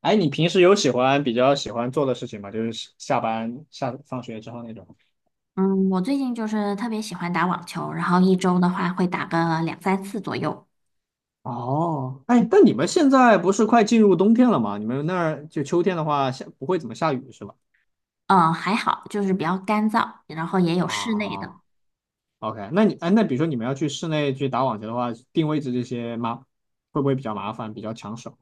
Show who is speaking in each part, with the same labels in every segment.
Speaker 1: 哎，你平时有喜欢比较喜欢做的事情吗？就是下班下放学之后那种。
Speaker 2: 嗯，我最近就是特别喜欢打网球，然后一周的话会打个两三次左右。
Speaker 1: 哦，哎，但你们现在不是快进入冬天了吗？你们那儿就秋天的话，不会怎么下雨是吧？
Speaker 2: 嗯，还好，就是比较干燥，然后也有室内的。
Speaker 1: 啊，OK，那比如说你们要去室内去打网球的话，定位置这些吗？会不会比较麻烦，比较抢手？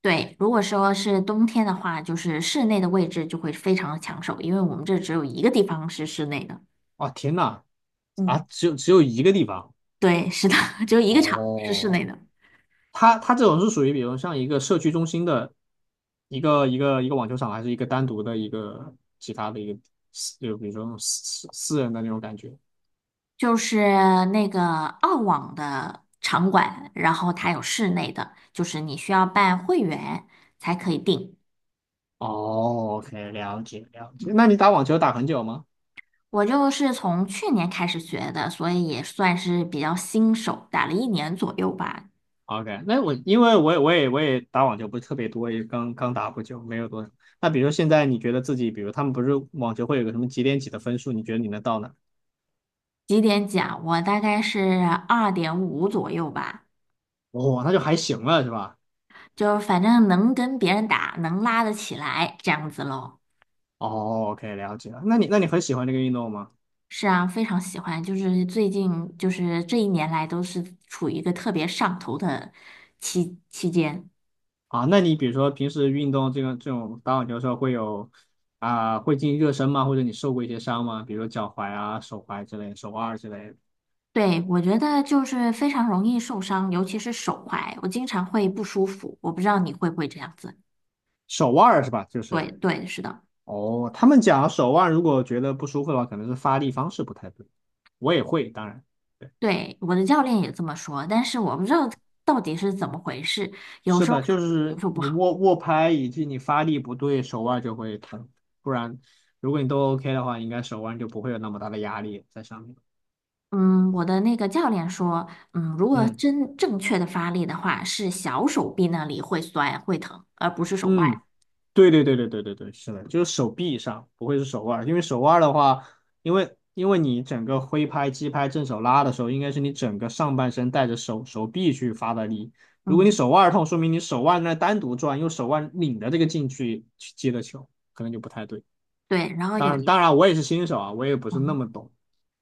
Speaker 2: 对，如果说是冬天的话，就是室内的位置就会非常的抢手，因为我们这只有一个地方是室内的。
Speaker 1: 哇，天呐，啊，
Speaker 2: 嗯，
Speaker 1: 只有一个地方。
Speaker 2: 对，是的，只有一个场是室
Speaker 1: 哦，
Speaker 2: 内的，
Speaker 1: 它这种是属于，比如像一个社区中心的一个网球场，还是一个单独的一个其他的一个私，就比如说那种私人的那种感觉。
Speaker 2: 就是那个澳网的场馆，然后它有室内的，就是你需要办会员才可以订。
Speaker 1: 哦，OK，了解了解。
Speaker 2: 嗯，
Speaker 1: 那你打网球打很久吗
Speaker 2: 我就是从去年开始学的，所以也算是比较新手，打了一年左右吧。
Speaker 1: ？OK，因为我也打网球不是特别多，也刚刚打不久，没有多少。那比如说现在你觉得自己，比如他们不是网球会有个什么几点几的分数，你觉得你能到哪？
Speaker 2: 几点讲？我大概是2.5左右吧，
Speaker 1: 哦，那就还行了，是吧？
Speaker 2: 就是反正能跟别人打，能拉得起来这样子咯。
Speaker 1: 哦，OK，了解了。那你很喜欢这个运动吗？
Speaker 2: 是啊，非常喜欢，就是最近就是这一年来都是处于一个特别上头的期间。
Speaker 1: 啊，那你比如说平时运动这种打网球的时候会有啊、会进行热身吗？或者你受过一些伤吗？比如说脚踝啊、手踝之类、手腕儿之类的
Speaker 2: 对，我觉得就是非常容易受伤，尤其是手踝，我经常会不舒服。我不知道你会不会这样子。
Speaker 1: 手腕儿是吧？就是
Speaker 2: 对对，是的。
Speaker 1: 哦，他们讲手腕如果觉得不舒服的话，可能是发力方式不太对。我也会，当然
Speaker 2: 对，我的教练也这么说，但是我不知道到底是怎么回事，有
Speaker 1: 是
Speaker 2: 时候
Speaker 1: 的，就
Speaker 2: 好，有
Speaker 1: 是
Speaker 2: 时候不
Speaker 1: 你
Speaker 2: 好。
Speaker 1: 握握拍以及你发力不对，手腕就会疼。不然，如果你都 OK 的话，应该手腕就不会有那么大的压力在上面。
Speaker 2: 嗯，我的那个教练说，嗯，如果
Speaker 1: 嗯
Speaker 2: 真正确的发力的话，是小手臂那里会酸会疼，而不是手
Speaker 1: 嗯。
Speaker 2: 腕。
Speaker 1: 对对对对对对对，是的，就是手臂上，不会是手腕儿，因为手腕儿的话，因为你整个挥拍、击拍、正手拉的时候，应该是你整个上半身带着手臂去发的力。如果你
Speaker 2: 嗯，
Speaker 1: 手腕儿痛，说明你手腕在单独转，用手腕拧着这个劲去接的球，可能就不太对。
Speaker 2: 对。然后
Speaker 1: 当
Speaker 2: 有
Speaker 1: 然，
Speaker 2: 一，
Speaker 1: 当然我也是新手啊，我也不是那
Speaker 2: 嗯，
Speaker 1: 么懂，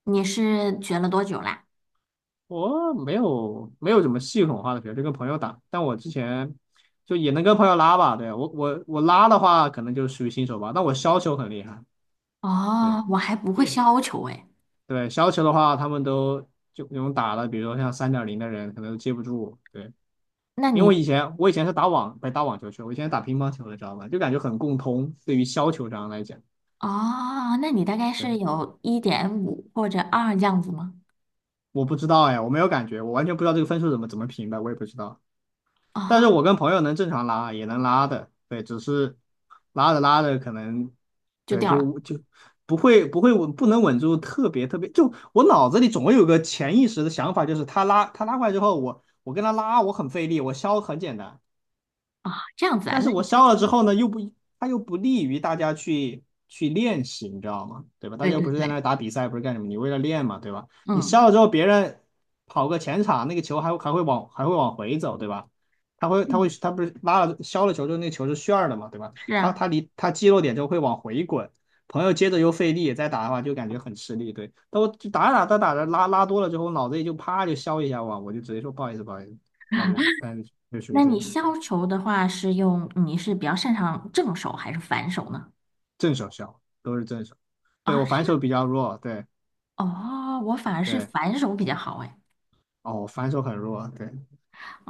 Speaker 2: 你是学了多久啦？
Speaker 1: 我没有怎么系统化的学，就跟朋友打，但我之前。就也能跟朋友拉吧，对，我拉的话，可能就属于新手吧。但我削球很厉害，对。
Speaker 2: 哦，我还不会
Speaker 1: 对，
Speaker 2: 削球诶。
Speaker 1: 对，削球的话，他们都就那种打的，比如说像3.0的人，可能都接不住。对，
Speaker 2: 那
Speaker 1: 因为我
Speaker 2: 你，
Speaker 1: 以前我以前是打网，不是打网球去，我以前是打乒乓球的，知道吗？就感觉很共通，对于削球这样来讲，
Speaker 2: 哦，那你大概
Speaker 1: 对，
Speaker 2: 是有1.5或者2这样子吗？
Speaker 1: 我不知道哎，我没有感觉，我完全不知道这个分数怎么评的，我也不知道。但是
Speaker 2: 啊、
Speaker 1: 我跟朋友能正常拉，也能拉的，对，只是拉着拉着可能，
Speaker 2: 就
Speaker 1: 对，
Speaker 2: 掉了。
Speaker 1: 就不会稳，不能稳住特别特别，就我脑子里总会有个潜意识的想法，就是他拉过来之后，我跟他拉，我很费力，我削很简单，
Speaker 2: 啊、这样子啊？
Speaker 1: 但
Speaker 2: 那
Speaker 1: 是我
Speaker 2: 你就
Speaker 1: 烧了之
Speaker 2: 是
Speaker 1: 后呢，又不，它又不利于大家去练习，你知道吗？对吧？大
Speaker 2: 对
Speaker 1: 家又
Speaker 2: 对
Speaker 1: 不是在那
Speaker 2: 对，
Speaker 1: 儿打比赛，不是干什么？你为了练嘛，对吧？你
Speaker 2: 嗯。
Speaker 1: 烧了之后，别人跑个前场，那个球还会往回走，对吧？他会他会
Speaker 2: 嗯，
Speaker 1: 他不是拉了削了球之后，那球是旋儿的嘛，对吧？
Speaker 2: 是
Speaker 1: 他
Speaker 2: 啊，
Speaker 1: 他离他击落点之后会往回滚，朋友接着又费力再打的话，就感觉很吃力。对，但我就打着打着打着拉拉多了之后，脑子里就啪就削一下哇，我就直接说不好意思不好意思，但但就属于
Speaker 2: 那
Speaker 1: 这
Speaker 2: 你
Speaker 1: 种。对。
Speaker 2: 削球的话是用，你是比较擅长正手还是反手呢？
Speaker 1: 正手削，都是正手。对，
Speaker 2: 啊，
Speaker 1: 我
Speaker 2: 是
Speaker 1: 反
Speaker 2: 吗？
Speaker 1: 手比较弱，对
Speaker 2: 哦，我反而是
Speaker 1: 对，
Speaker 2: 反手比较好哎。
Speaker 1: 哦，我反手很弱，对。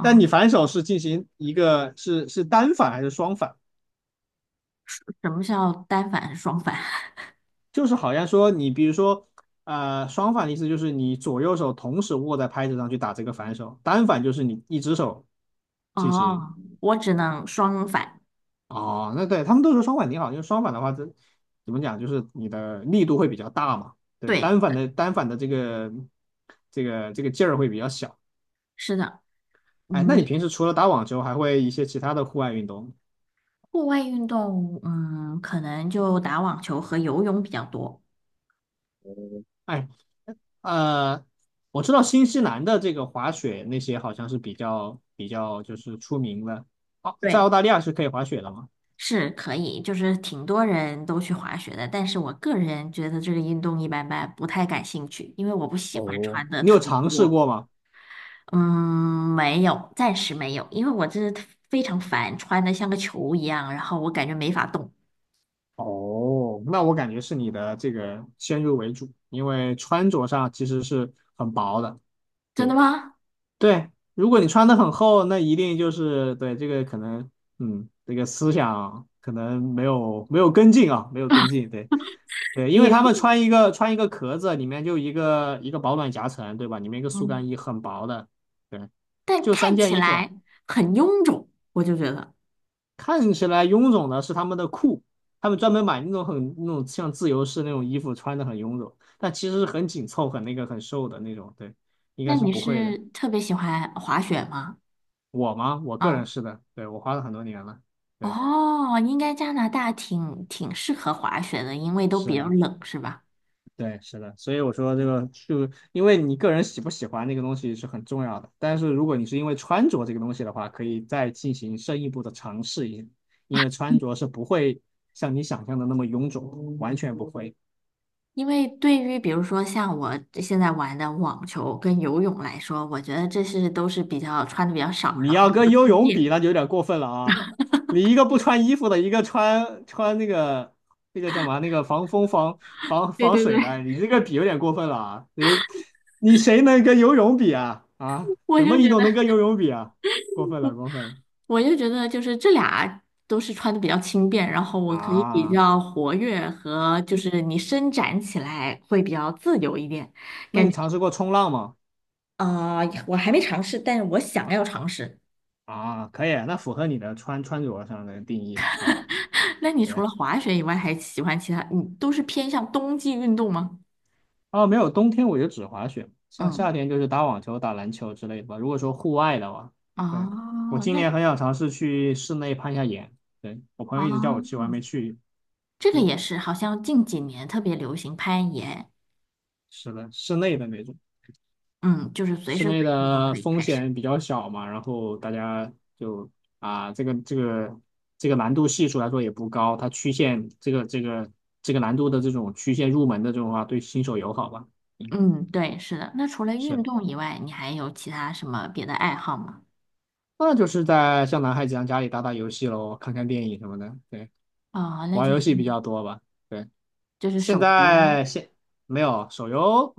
Speaker 1: 但你反手是进行一个是单反还是双反？
Speaker 2: 什什么叫单反、双反？
Speaker 1: 就是好像说你比如说，双反的意思就是你左右手同时握在拍子上去打这个反手，单反就是你一只手 进行。
Speaker 2: 哦，我只能双反。
Speaker 1: 哦，那对他们都说双反挺好，因为双反的话，这怎么讲，就是你的力度会比较大嘛。对，
Speaker 2: 对，
Speaker 1: 单反的这个劲儿会比较小。
Speaker 2: 是的，
Speaker 1: 哎，那
Speaker 2: 嗯，
Speaker 1: 你平时除了打网球，还会一些其他的户外运动吗？
Speaker 2: 户外运动，嗯，可能就打网球和游泳比较多。
Speaker 1: 哎，呃，我知道新西兰的这个滑雪那些好像是比较就是出名的。哦，在澳
Speaker 2: 对，
Speaker 1: 大利亚是可以滑雪的吗？
Speaker 2: 是可以，就是挺多人都去滑雪的，但是我个人觉得这个运动一般般，不太感兴趣，因为我不喜欢
Speaker 1: 哦
Speaker 2: 穿的
Speaker 1: 你
Speaker 2: 特
Speaker 1: 有
Speaker 2: 别
Speaker 1: 尝试
Speaker 2: 多。
Speaker 1: 过吗？
Speaker 2: 嗯，没有，暂时没有，因为我这非常烦，穿的像个球一样，然后我感觉没法动。
Speaker 1: 哦，那我感觉是你的这个先入为主，因为穿着上其实是很薄的。
Speaker 2: 真的
Speaker 1: 对。
Speaker 2: 吗？
Speaker 1: 对，如果你穿的很厚，那一定就是对这个可能，这个思想可能没有跟进啊，没有跟进，对对，因为
Speaker 2: 你
Speaker 1: 他们
Speaker 2: 是
Speaker 1: 穿一个壳子，里面就一个一个保暖夹层，对吧？里面一个速干
Speaker 2: 嗯，
Speaker 1: 衣，很薄的，对，
Speaker 2: 但
Speaker 1: 就三
Speaker 2: 看
Speaker 1: 件
Speaker 2: 起
Speaker 1: 衣服，
Speaker 2: 来很臃肿，我就觉得。
Speaker 1: 看起来臃肿的是他们的裤，他们专门买那种像自由式那种衣服，穿的很臃肿，但其实是很紧凑、很瘦的那种，对，应
Speaker 2: 那
Speaker 1: 该是
Speaker 2: 你
Speaker 1: 不会的。
Speaker 2: 是特别喜欢滑雪吗？
Speaker 1: 我吗？我个人
Speaker 2: 嗯，
Speaker 1: 是的，对，我花了很多年了，对，
Speaker 2: 哦，应该加拿大挺适合滑雪的，因为都比
Speaker 1: 是
Speaker 2: 较
Speaker 1: 的，
Speaker 2: 冷，是吧？
Speaker 1: 对，是的，所以我说这个就因为你个人喜不喜欢那个东西是很重要的，但是如果你是因为穿着这个东西的话，可以再进行深一步的尝试一下，因为穿着是不会像你想象的那么臃肿，完全不会。
Speaker 2: 因为对于比如说像我现在玩的网球跟游泳来说，我觉得这是都是比较穿的比较少，
Speaker 1: 你
Speaker 2: 然后
Speaker 1: 要跟游
Speaker 2: 轻
Speaker 1: 泳比，
Speaker 2: 便。
Speaker 1: 那就有点过分了啊！你一个不穿衣服的，一个穿那个叫什么那个防风防防
Speaker 2: 对
Speaker 1: 防
Speaker 2: 对对。
Speaker 1: 水的，你这个比有点过分了啊！你谁能跟游泳比啊？啊，
Speaker 2: 我
Speaker 1: 什么
Speaker 2: 就
Speaker 1: 运
Speaker 2: 觉
Speaker 1: 动
Speaker 2: 得，
Speaker 1: 能跟游泳比啊？过分了，过分了
Speaker 2: 我就觉得，就是这俩都是穿的比较轻便，然后我可以比
Speaker 1: 啊！
Speaker 2: 较活跃和就是你伸展起来会比较自由一点，
Speaker 1: 那
Speaker 2: 感
Speaker 1: 你
Speaker 2: 觉
Speaker 1: 尝试过冲浪吗？
Speaker 2: 呃，我还没尝试，但是我想要尝试。
Speaker 1: 啊，可以，那符合你的穿着上的定义，好吧？
Speaker 2: 那你除
Speaker 1: 对。
Speaker 2: 了滑雪以外，还喜欢其他？你都是偏向冬季运动吗？
Speaker 1: 哦，没有，冬天我就只滑雪，像夏
Speaker 2: 嗯，
Speaker 1: 天就是打网球、打篮球之类的吧。如果说户外的话，对，我
Speaker 2: 哦，
Speaker 1: 今
Speaker 2: 那
Speaker 1: 年很想尝试去室内攀一下岩。对，我朋友一直叫我去，我
Speaker 2: 哦，
Speaker 1: 还没去。
Speaker 2: 这个
Speaker 1: 对，
Speaker 2: 也是，好像近几年特别流行攀岩，
Speaker 1: 是的，室内的那种，
Speaker 2: 嗯，就是随
Speaker 1: 室
Speaker 2: 时
Speaker 1: 内
Speaker 2: 随地都
Speaker 1: 的
Speaker 2: 可以
Speaker 1: 风
Speaker 2: 开始。
Speaker 1: 险比较小嘛，然后大家就啊，这个这个这个难度系数来说也不高，它曲线这个难度的这种曲线入门的这种话，对新手友好吧。嗯，
Speaker 2: 嗯，对，是的。那除了
Speaker 1: 是。
Speaker 2: 运动以外，你还有其他什么别的爱好吗？
Speaker 1: 那就是在像男孩子一样家里打打游戏喽，看看电影什么的。对，
Speaker 2: 啊、那
Speaker 1: 玩
Speaker 2: 就是
Speaker 1: 游戏比较多吧。对，
Speaker 2: 就是
Speaker 1: 现
Speaker 2: 手游吗？
Speaker 1: 在现没有手游，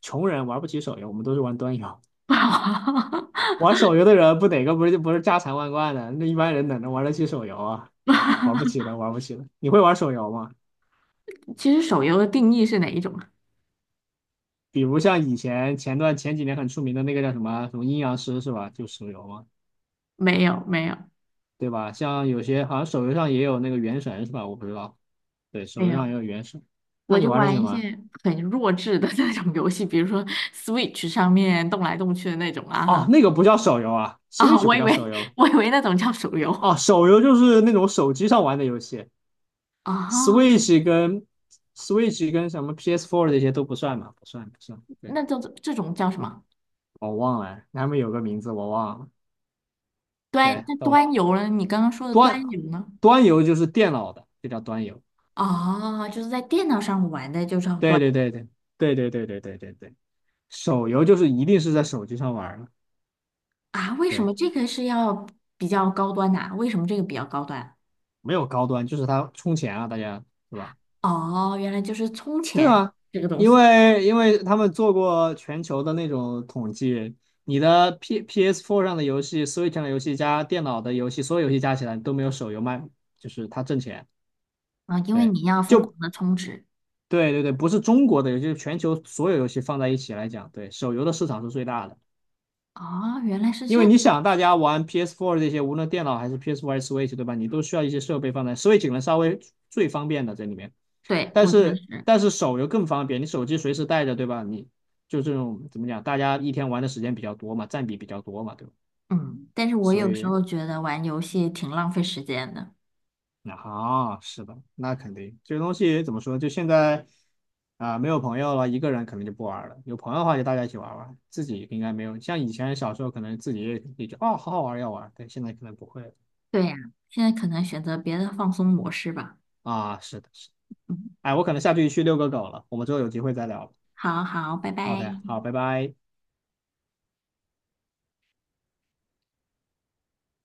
Speaker 1: 穷人玩不起手游，我们都是玩端游。玩手游的人不哪个不是家财万贯的？那一般人哪能玩得起手游啊？
Speaker 2: 不好，
Speaker 1: 玩不起的，玩不起的。你会玩手游吗？
Speaker 2: 其实手游的定义是哪一种啊？
Speaker 1: 比如像以前前段前几年很出名的那个叫什么阴阳师是吧？就手游嘛，
Speaker 2: 没有，没有，
Speaker 1: 对吧？像有些好像手游上也有那个原神是吧？我不知道，对，手
Speaker 2: 没
Speaker 1: 游
Speaker 2: 有。
Speaker 1: 上也有原神。那
Speaker 2: 我
Speaker 1: 你
Speaker 2: 就
Speaker 1: 玩的是什
Speaker 2: 玩一
Speaker 1: 么？
Speaker 2: 些很弱智的 那种游戏，比如说 Switch 上面动来动去的那种啊哈
Speaker 1: 哦，那个不叫手游啊
Speaker 2: 啊，
Speaker 1: ，Switch 不叫手游
Speaker 2: 我以为那种叫手游。
Speaker 1: 哦，手游就是那种手机上玩的游戏
Speaker 2: 啊，
Speaker 1: ，Switch 跟 Switch 跟什么 PS4 这些都不算嘛，不算不算。对，
Speaker 2: 那这种这种叫什么？
Speaker 1: 我忘了，他们有个名字我忘了。对，
Speaker 2: 端游呢？你刚刚说的
Speaker 1: 端
Speaker 2: 端游呢？
Speaker 1: 端游就是电脑的，就叫端游。
Speaker 2: 啊，就是在电脑上玩的，就叫
Speaker 1: 对
Speaker 2: 端。
Speaker 1: 对对对对对对对对对对，手游就是一定是在手机上玩儿的，
Speaker 2: 啊，为什
Speaker 1: 对，
Speaker 2: 么这个是要比较高端呐、为什么这个比较高端？
Speaker 1: 没有高端，就是它充钱啊，大家对吧？
Speaker 2: 哦，原来就是充
Speaker 1: 对
Speaker 2: 钱
Speaker 1: 啊，
Speaker 2: 这个东
Speaker 1: 因
Speaker 2: 西
Speaker 1: 为因为他们做过全球的那种统计，你的 PS4 上的游戏、Switch 上的游戏加电脑的游戏，所有游戏加起来都没有手游卖，就是它挣钱。
Speaker 2: 啊，因为
Speaker 1: 对，
Speaker 2: 你要疯
Speaker 1: 就
Speaker 2: 狂的充值。
Speaker 1: 对对对，不是中国的游戏，就是全球所有游戏放在一起来讲，对，手游的市场是最大的。
Speaker 2: 哦，原来是
Speaker 1: 因
Speaker 2: 这
Speaker 1: 为
Speaker 2: 样。
Speaker 1: 你想，大家玩 p s Four 这些，无论电脑还是 PS4 还是 Switch，对吧？你都需要一些设备放在 Switch 可能稍微最方便的这里面，
Speaker 2: 对，
Speaker 1: 但
Speaker 2: 我觉得
Speaker 1: 是
Speaker 2: 是，
Speaker 1: 但是手游更方便，你手机随时带着，对吧？你就这种怎么讲，大家一天玩的时间比较多嘛，占比比较多嘛，对吧？
Speaker 2: 嗯，但是我
Speaker 1: 所
Speaker 2: 有时
Speaker 1: 以
Speaker 2: 候觉得玩游戏挺浪费时间的。
Speaker 1: 啊，是的，那肯定这个东西怎么说？就现在啊、没有朋友了，一个人可能就不玩了。有朋友的话，就大家一起玩玩，自己应该没有。像以前小时候，可能自己也就好好玩要玩，但现在可能不会了
Speaker 2: 对呀、现在可能选择别的放松模式吧。
Speaker 1: 啊。是的，是的，
Speaker 2: 嗯，
Speaker 1: 哎，我可能下去遛个狗了，我们之后有机会再聊。
Speaker 2: 好好，拜
Speaker 1: OK，
Speaker 2: 拜。
Speaker 1: 好，拜拜。